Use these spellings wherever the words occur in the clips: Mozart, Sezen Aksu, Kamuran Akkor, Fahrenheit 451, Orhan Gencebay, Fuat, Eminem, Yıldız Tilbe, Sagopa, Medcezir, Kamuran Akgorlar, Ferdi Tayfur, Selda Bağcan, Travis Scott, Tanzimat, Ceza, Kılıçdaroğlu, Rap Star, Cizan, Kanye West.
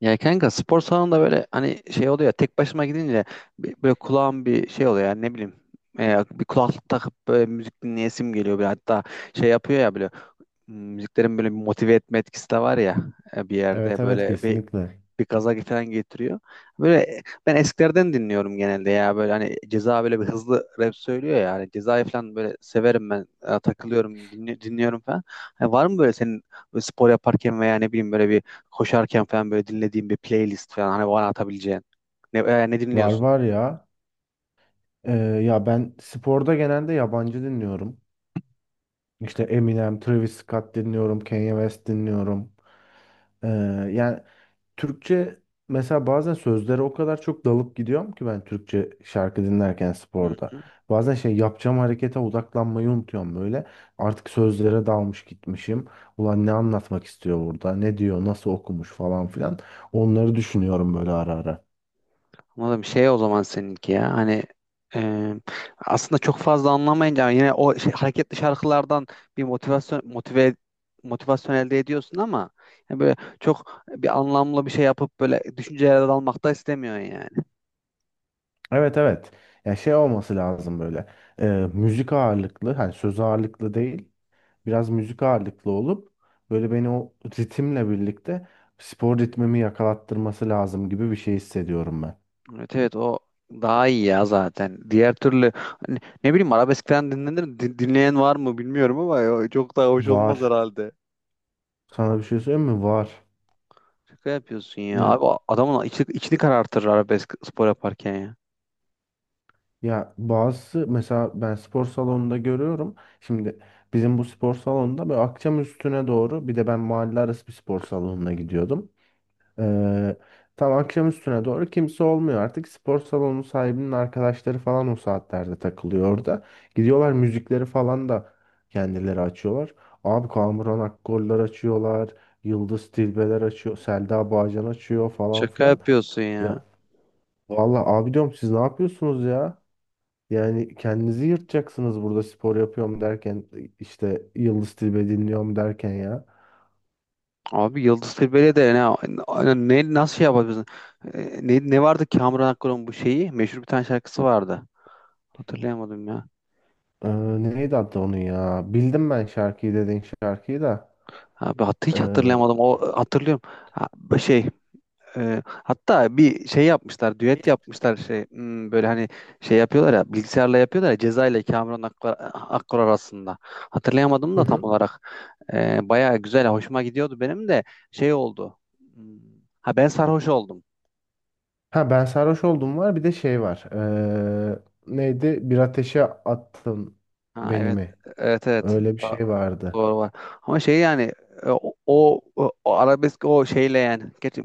Ya kanka, spor salonunda böyle hani şey oluyor ya, tek başıma gidince böyle kulağım bir şey oluyor. Yani ne bileyim, bir kulaklık takıp böyle müzik dinleyesim geliyor böyle. Hatta şey yapıyor ya böyle, müziklerin böyle bir motive etme etkisi de var ya. Bir yerde Evet evet, böyle kesinlikle. bir gaza falan getiriyor. Böyle ben eskilerden dinliyorum genelde ya, böyle hani Ceza böyle bir hızlı rap söylüyor ya, hani Ceza'yı falan böyle severim ben. Takılıyorum, dinliyorum falan. Hani var mı böyle senin böyle spor yaparken veya ne bileyim böyle bir koşarken falan böyle dinlediğin bir playlist falan, hani bana atabileceğin? Ne Var dinliyorsun? var ya. Ya ben sporda genelde yabancı dinliyorum. İşte Eminem, Travis Scott dinliyorum, Kanye West dinliyorum. Ee, Yani Türkçe, mesela bazen sözlere o kadar çok dalıp gidiyorum ki ben Türkçe şarkı dinlerken Hı sporda. hı. Bazen şey yapacağım, harekete odaklanmayı unutuyorum böyle. Artık sözlere dalmış gitmişim. Ulan ne anlatmak istiyor burada? Ne diyor? Nasıl okumuş falan filan. Onları düşünüyorum böyle ara ara. Anladım. Şey, o zaman seninki ya. E, aslında çok fazla anlamayınca yine o şey, hareketli şarkılardan bir motivasyon motive motivasyon elde ediyorsun ama yani böyle çok bir anlamlı bir şey yapıp böyle düşüncelere dalmak da istemiyorsun yani. Evet evet. Ya şey olması lazım böyle. e, Müzik ağırlıklı, hani söz ağırlıklı değil. Biraz müzik ağırlıklı olup böyle beni o ritimle birlikte spor ritmimi yakalattırması lazım gibi bir şey hissediyorum ben. Evet, evet, o daha iyi ya zaten. Diğer türlü hani ne bileyim arabesk falan dinlenir, dinleyen var mı bilmiyorum, ama o çok daha hoş olmaz Var. herhalde. Sana bir şey söyleyeyim mi? Var. Şaka yapıyorsun ya. Ya, Abi o adamın içini, içini karartır arabesk, spor yaparken ya. ya bazısı, mesela ben spor salonunda görüyorum. Şimdi bizim bu spor salonunda böyle akşam üstüne doğru, bir de ben mahalle arası bir spor salonuna gidiyordum. Ee, Tam akşam üstüne doğru kimse olmuyor artık. Spor salonu sahibinin arkadaşları falan o saatlerde takılıyor orada. Gidiyorlar, müzikleri falan da kendileri açıyorlar. Abi Kamuran Akgorlar açıyorlar. Yıldız Tilbeler açıyor. Selda Bağcan açıyor falan Şaka filan. yapıyorsun ya. Ya vallahi abi, diyorum siz ne yapıyorsunuz ya? Yani kendinizi yırtacaksınız burada spor yapıyorum derken, işte Yıldız Tilbe dinliyorum derken ya. Abi Yıldız Tilbe'yle de ne, ne nasıl şey yapabilirsin? Ne vardı Kamuran Akkor'un bu şeyi? Meşhur bir tane şarkısı vardı. Hatırlayamadım ya. Ee, Neydi adı onun ya? Bildim ben şarkıyı, dediğin şarkıyı da. Abi hiç Hı hatırlayamadım. O hatırlıyorum. Ha, bu şey, hatta bir şey yapmışlar, düet yapmışlar şey, böyle hani şey yapıyorlar ya, bilgisayarla yapıyorlar ya, Ceza ile Kamuran Akkor, Akkor arasında. Hatırlayamadım da tam hı. olarak. Bayağı güzel, hoşuma gidiyordu benim de. Şey oldu. Hmm, ha ben sarhoş oldum. Ha ben sarhoş oldum var, bir de şey var. Ee, Neydi? Bir ateşe attın Ha beni evet. mi? Evet evet. Öyle bir şey vardı. Doğru, var. Ama şey, yani e, o, o, o arabesk o şeyle, yani gerçi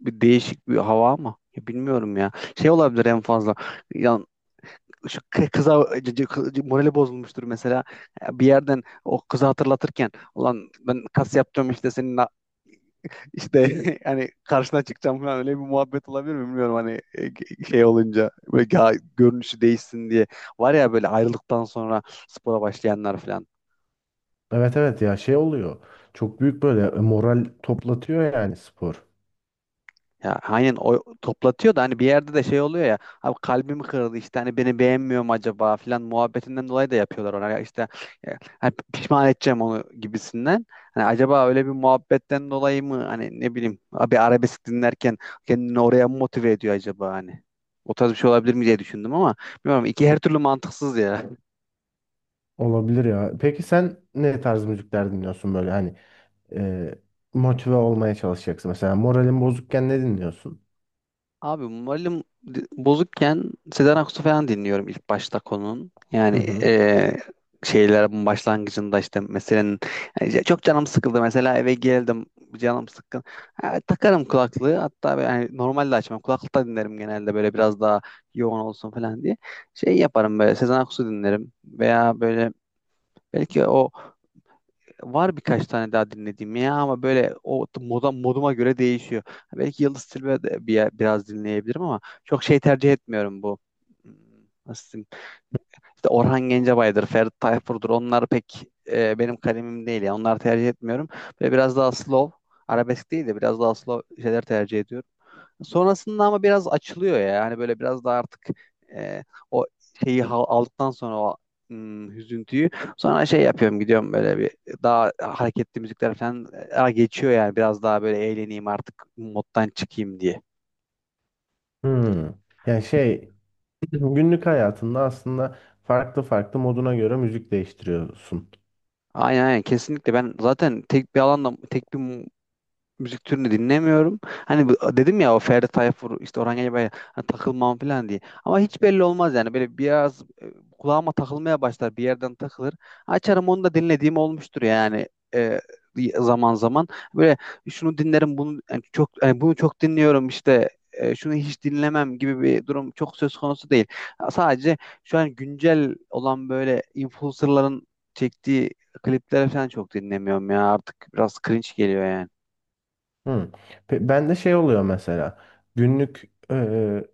bir değişik bir hava, ama ya bilmiyorum ya. Şey olabilir en fazla. Yani şu kıza morali bozulmuştur mesela. Bir yerden o kızı hatırlatırken, ulan ben kas yapacağım işte senin işte hani karşına çıkacağım falan, öyle bir muhabbet olabilir mi bilmiyorum, hani şey olunca böyle görünüşü değişsin diye. Var ya böyle ayrılıktan sonra spora başlayanlar falan. Evet evet, ya şey oluyor. Çok büyük böyle moral toplatıyor yani spor. Ya aynen, o toplatıyor da hani bir yerde de şey oluyor ya, abi kalbimi kırdı işte, hani beni beğenmiyor mu acaba filan muhabbetinden dolayı da yapıyorlar ona. Ya işte e, hani pişman edeceğim onu gibisinden. Hani acaba öyle bir muhabbetten dolayı mı, hani ne bileyim abi, arabesk dinlerken kendini oraya mı motive ediyor acaba hani. O tarz bir şey olabilir mi diye düşündüm, ama bilmiyorum, iki her türlü mantıksız ya. Olabilir ya. Peki sen ne tarz müzikler dinliyorsun böyle, hani e, motive olmaya çalışacaksın. Mesela moralin bozukken ne dinliyorsun? Abi malum, bozukken Sezen Aksu falan dinliyorum ilk başta konunun. Hı Yani hı. Şeylerin başlangıcında işte, meselenin, yani işte çok canım sıkıldı mesela, eve geldim, canım sıkkın. Ha, takarım kulaklığı, hatta böyle, yani normalde açmam, kulaklıkta dinlerim genelde böyle, biraz daha yoğun olsun falan diye. Şey yaparım böyle, Sezen Aksu dinlerim veya böyle belki o, var birkaç tane daha dinlediğim ya, ama böyle o moduma göre değişiyor. Belki Yıldız Tilbe de biraz dinleyebilirim, ama çok şey tercih etmiyorum bu. Hmm, nasıl diyeyim? İşte Orhan Gencebay'dır, Ferdi Tayfur'dur. Onlar pek benim kalemim değil ya. Onları tercih etmiyorum. Böyle biraz daha slow, arabesk değil de biraz daha slow şeyler tercih ediyorum. Sonrasında ama biraz açılıyor ya. Hani böyle biraz daha artık e, o şeyi aldıktan sonra o, hüzüntüyü, sonra şey yapıyorum, gidiyorum böyle bir daha hareketli müzikler falan, geçiyor yani, biraz daha böyle eğleneyim artık, moddan çıkayım diye. Hmm. Yani şey, günlük hayatında aslında farklı farklı, moduna göre müzik değiştiriyorsun. Aynen aynen, kesinlikle ben zaten tek bir alanda tek bir müzik türünü dinlemiyorum. Hani dedim ya, o Ferdi Tayfur, işte Orhan Gencebay'la hani takılmam falan diye. Ama hiç belli olmaz yani, böyle biraz kulağıma takılmaya başlar, bir yerden takılır. Açarım, onu da dinlediğim olmuştur yani, e, zaman zaman. Böyle şunu dinlerim bunu, yani çok, yani bunu çok dinliyorum işte, şunu hiç dinlemem gibi bir durum çok söz konusu değil. Sadece şu an güncel olan böyle influencerların çektiği klipleri falan çok dinlemiyorum ya artık, biraz cringe geliyor yani. Hı. Ben de şey oluyor mesela, günlük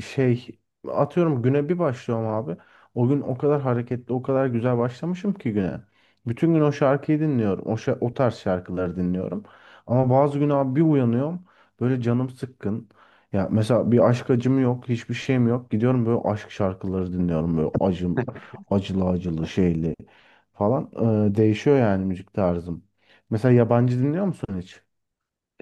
şey, atıyorum güne bir başlıyorum abi. O gün o kadar hareketli, o kadar güzel başlamışım ki güne. Bütün gün o şarkıyı dinliyorum. O tarz şarkıları dinliyorum. Ama bazı gün abi bir uyanıyorum, böyle canım sıkkın. Ya mesela bir aşk acım yok, hiçbir şeyim yok. Gidiyorum böyle aşk şarkıları dinliyorum, böyle acım, acılı acılı şeyli falan. Değişiyor yani müzik tarzım. Mesela yabancı dinliyor musun hiç?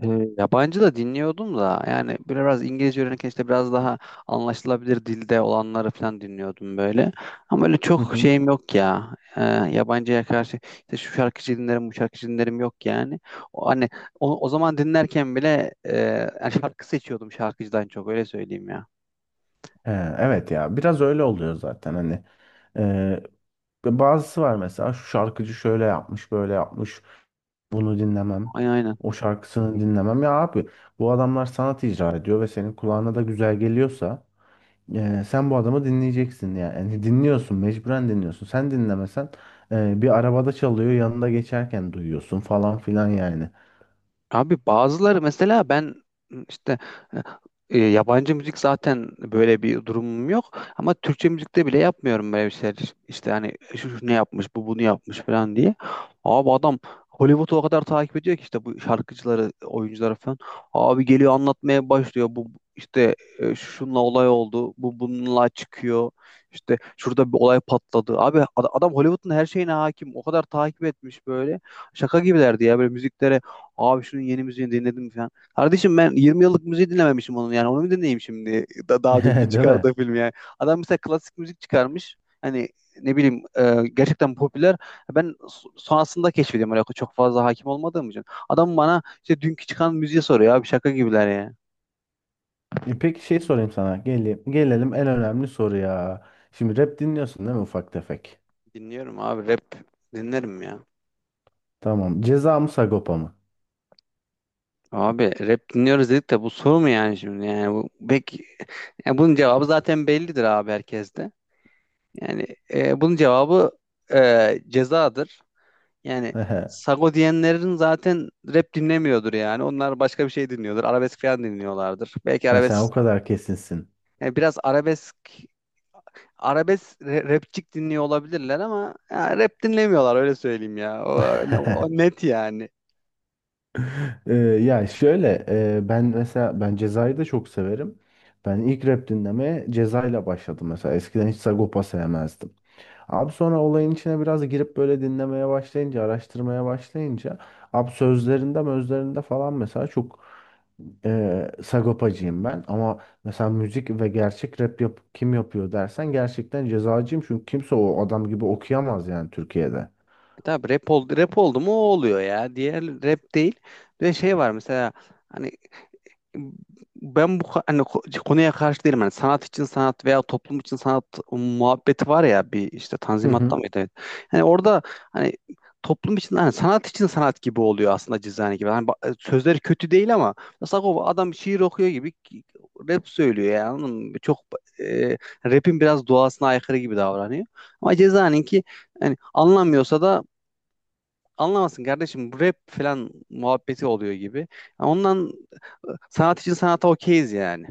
E, Yabancı da dinliyordum da, yani böyle biraz İngilizce öğrenirken işte biraz daha anlaşılabilir dilde olanları falan dinliyordum böyle. Ama öyle Hı çok hı. şeyim yok ya. Yabancıya karşı işte şu şarkıcı dinlerim, bu şarkıcı dinlerim yok yani. Hani o zaman dinlerken bile yani şarkı seçiyordum şarkıcıdan çok, öyle söyleyeyim ya. Ee, Evet, ya biraz öyle oluyor zaten hani. Ee, Bazısı var mesela, şu şarkıcı şöyle yapmış, böyle yapmış, bunu dinlemem, Aynen aynen. o şarkısını dinlemem. Ya abi, bu adamlar sanat icra ediyor ve senin kulağına da güzel geliyorsa sen bu adamı dinleyeceksin yani. Yani dinliyorsun, mecburen dinliyorsun, sen dinlemesen bir arabada çalıyor, yanında geçerken duyuyorsun falan filan yani. Abi bazıları mesela, ben işte yabancı müzik zaten böyle bir durumum yok, ama Türkçe müzikte bile yapmıyorum böyle bir şeyler. İşte hani şu ne yapmış, bu bunu yapmış falan diye. Abi adam Hollywood'u o kadar takip ediyor ki işte bu şarkıcıları, oyuncuları falan. Abi geliyor, anlatmaya başlıyor. Bu işte şununla olay oldu, bu bununla çıkıyor. İşte şurada bir olay patladı. Abi adam Hollywood'un her şeyine hakim. O kadar takip etmiş böyle. Şaka gibilerdi ya böyle müziklere. Abi şunun yeni müziğini dinledim falan. Kardeşim, ben 20 yıllık müziği dinlememişim onun yani. Onu mu dinleyeyim şimdi? Daha dünkü Değil çıkardığı mi? film yani. Adam mesela klasik müzik çıkarmış. Hani ne bileyim gerçekten popüler. Ben sonrasında keşfediyorum, öyle çok fazla hakim olmadığım için. Adam bana işte dünkü çıkan müziği soruyor, abi şaka gibiler ya. Peki şey sorayım sana, gelelim en önemli soruya. Şimdi rap dinliyorsun değil mi, ufak tefek? Dinliyorum abi, rap dinlerim ya. Tamam. Ceza mı Sagopa mı? Abi rap dinliyoruz dedik de, bu soru mu yani şimdi? Yani bu pek, yani bunun cevabı zaten bellidir abi, herkeste. Yani bunun cevabı cezadır. Yani sago diyenlerin zaten rap dinlemiyordur yani. Onlar başka bir şey dinliyordur. Arabesk falan dinliyorlardır. Belki Ha, sen o arabesk, kadar kesinsin. yani biraz arabesk rapçik dinliyor olabilirler, ama ya rap dinlemiyorlar, öyle söyleyeyim ya. O net yani. Ya şöyle, ben mesela ben Ceza'yı da çok severim. Ben ilk rap dinlemeye Ceza'yla başladım mesela. Eskiden hiç Sagopa sevmezdim. Abi sonra olayın içine biraz girip böyle dinlemeye başlayınca, araştırmaya başlayınca, abi sözlerinde, mözlerinde falan mesela çok Sagopacıyım ben. Ama mesela müzik ve gerçek rap yap kim yapıyor dersen, gerçekten Ceza'cıyım. Çünkü kimse o adam gibi okuyamaz yani Türkiye'de. E tabii, rap oldu, rap oldu mu o oluyor ya. Diğer rap değil. Ve şey var mesela, hani ben bu hani konuya karşı değilim. Hani sanat için sanat veya toplum için sanat muhabbeti var ya bir, işte Hı Tanzimat'ta hı. mıydı? Evet. Yani orada hani toplum için, hani sanat için sanat gibi oluyor aslında Cizani gibi. Hani sözleri kötü değil, ama mesela adam şiir okuyor gibi rap söylüyor yani. Anladın mı? Çok e, rap'in biraz doğasına aykırı gibi davranıyor. Ama Cezaninki, hani anlamıyorsa da anlamasın kardeşim, bu rap falan muhabbeti oluyor gibi. Ya ondan sanat için sanata okeyiz yani.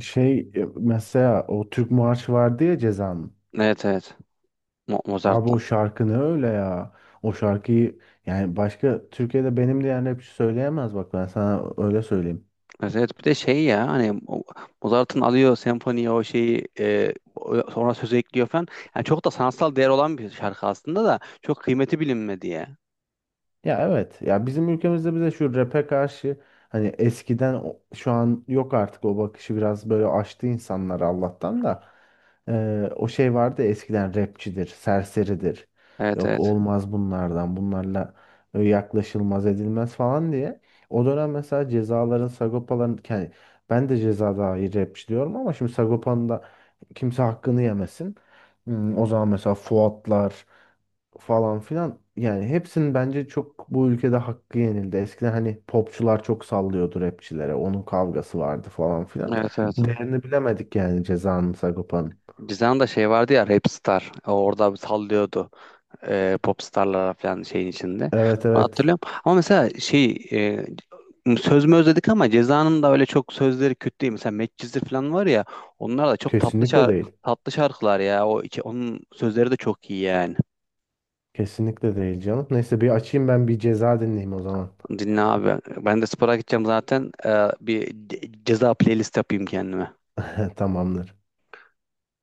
Şey, mesela o Türk Marşı vardı ya Ceza'nın. Evet evet. Abi o Mozart'tan. şarkı ne öyle ya. O şarkıyı, yani başka Türkiye'de benim de diyen rapçi söyleyemez, bak ben sana öyle söyleyeyim. Evet, evet. Bir de şey ya, hani Mozart'ın alıyor senfoniye o şeyi, sonra söz ekliyor falan. Yani çok da sanatsal değer olan bir şarkı aslında, da çok kıymeti bilinmedi ya. Ya evet. Ya bizim ülkemizde bize şu rap'e karşı, hani eskiden şu an yok artık o bakışı, biraz böyle açtı insanlar Allah'tan da. O şey vardı ya, eskiden rapçidir, serseridir. Evet Yok, evet. olmaz bunlardan. Bunlarla yaklaşılmaz, edilmez falan diye. O dönem mesela cezaların, Sagopa'ların, yani ben de ceza dair rapçi diyorum ama şimdi Sagopa'nın da kimse hakkını yemesin. O zaman mesela Fuatlar falan filan. Yani hepsinin bence çok bu ülkede hakkı yenildi. Eskiden hani popçular çok sallıyordu rapçilere. Onun kavgası vardı falan filan. Evet evet. Değerini bilemedik yani Ceza'nın, Sagopa'nın. Cizan'da şey vardı ya, Rap Star. O orada bir sallıyordu popstarlara falan şeyin içinde. Evet Onu evet. hatırlıyorum. Ama mesela şey, söz mü özledik, ama Ceza'nın da öyle çok sözleri kötü değil. Mesela Medcezir falan var ya, onlar da çok Kesinlikle değil. tatlı şarkılar ya. Onun sözleri de çok iyi yani. Kesinlikle değil canım. Neyse, bir açayım ben bir Ceza dinleyeyim o zaman. Dinle abi. Ben de spora gideceğim zaten. E, bir ceza playlist yapayım kendime. Tamamdır.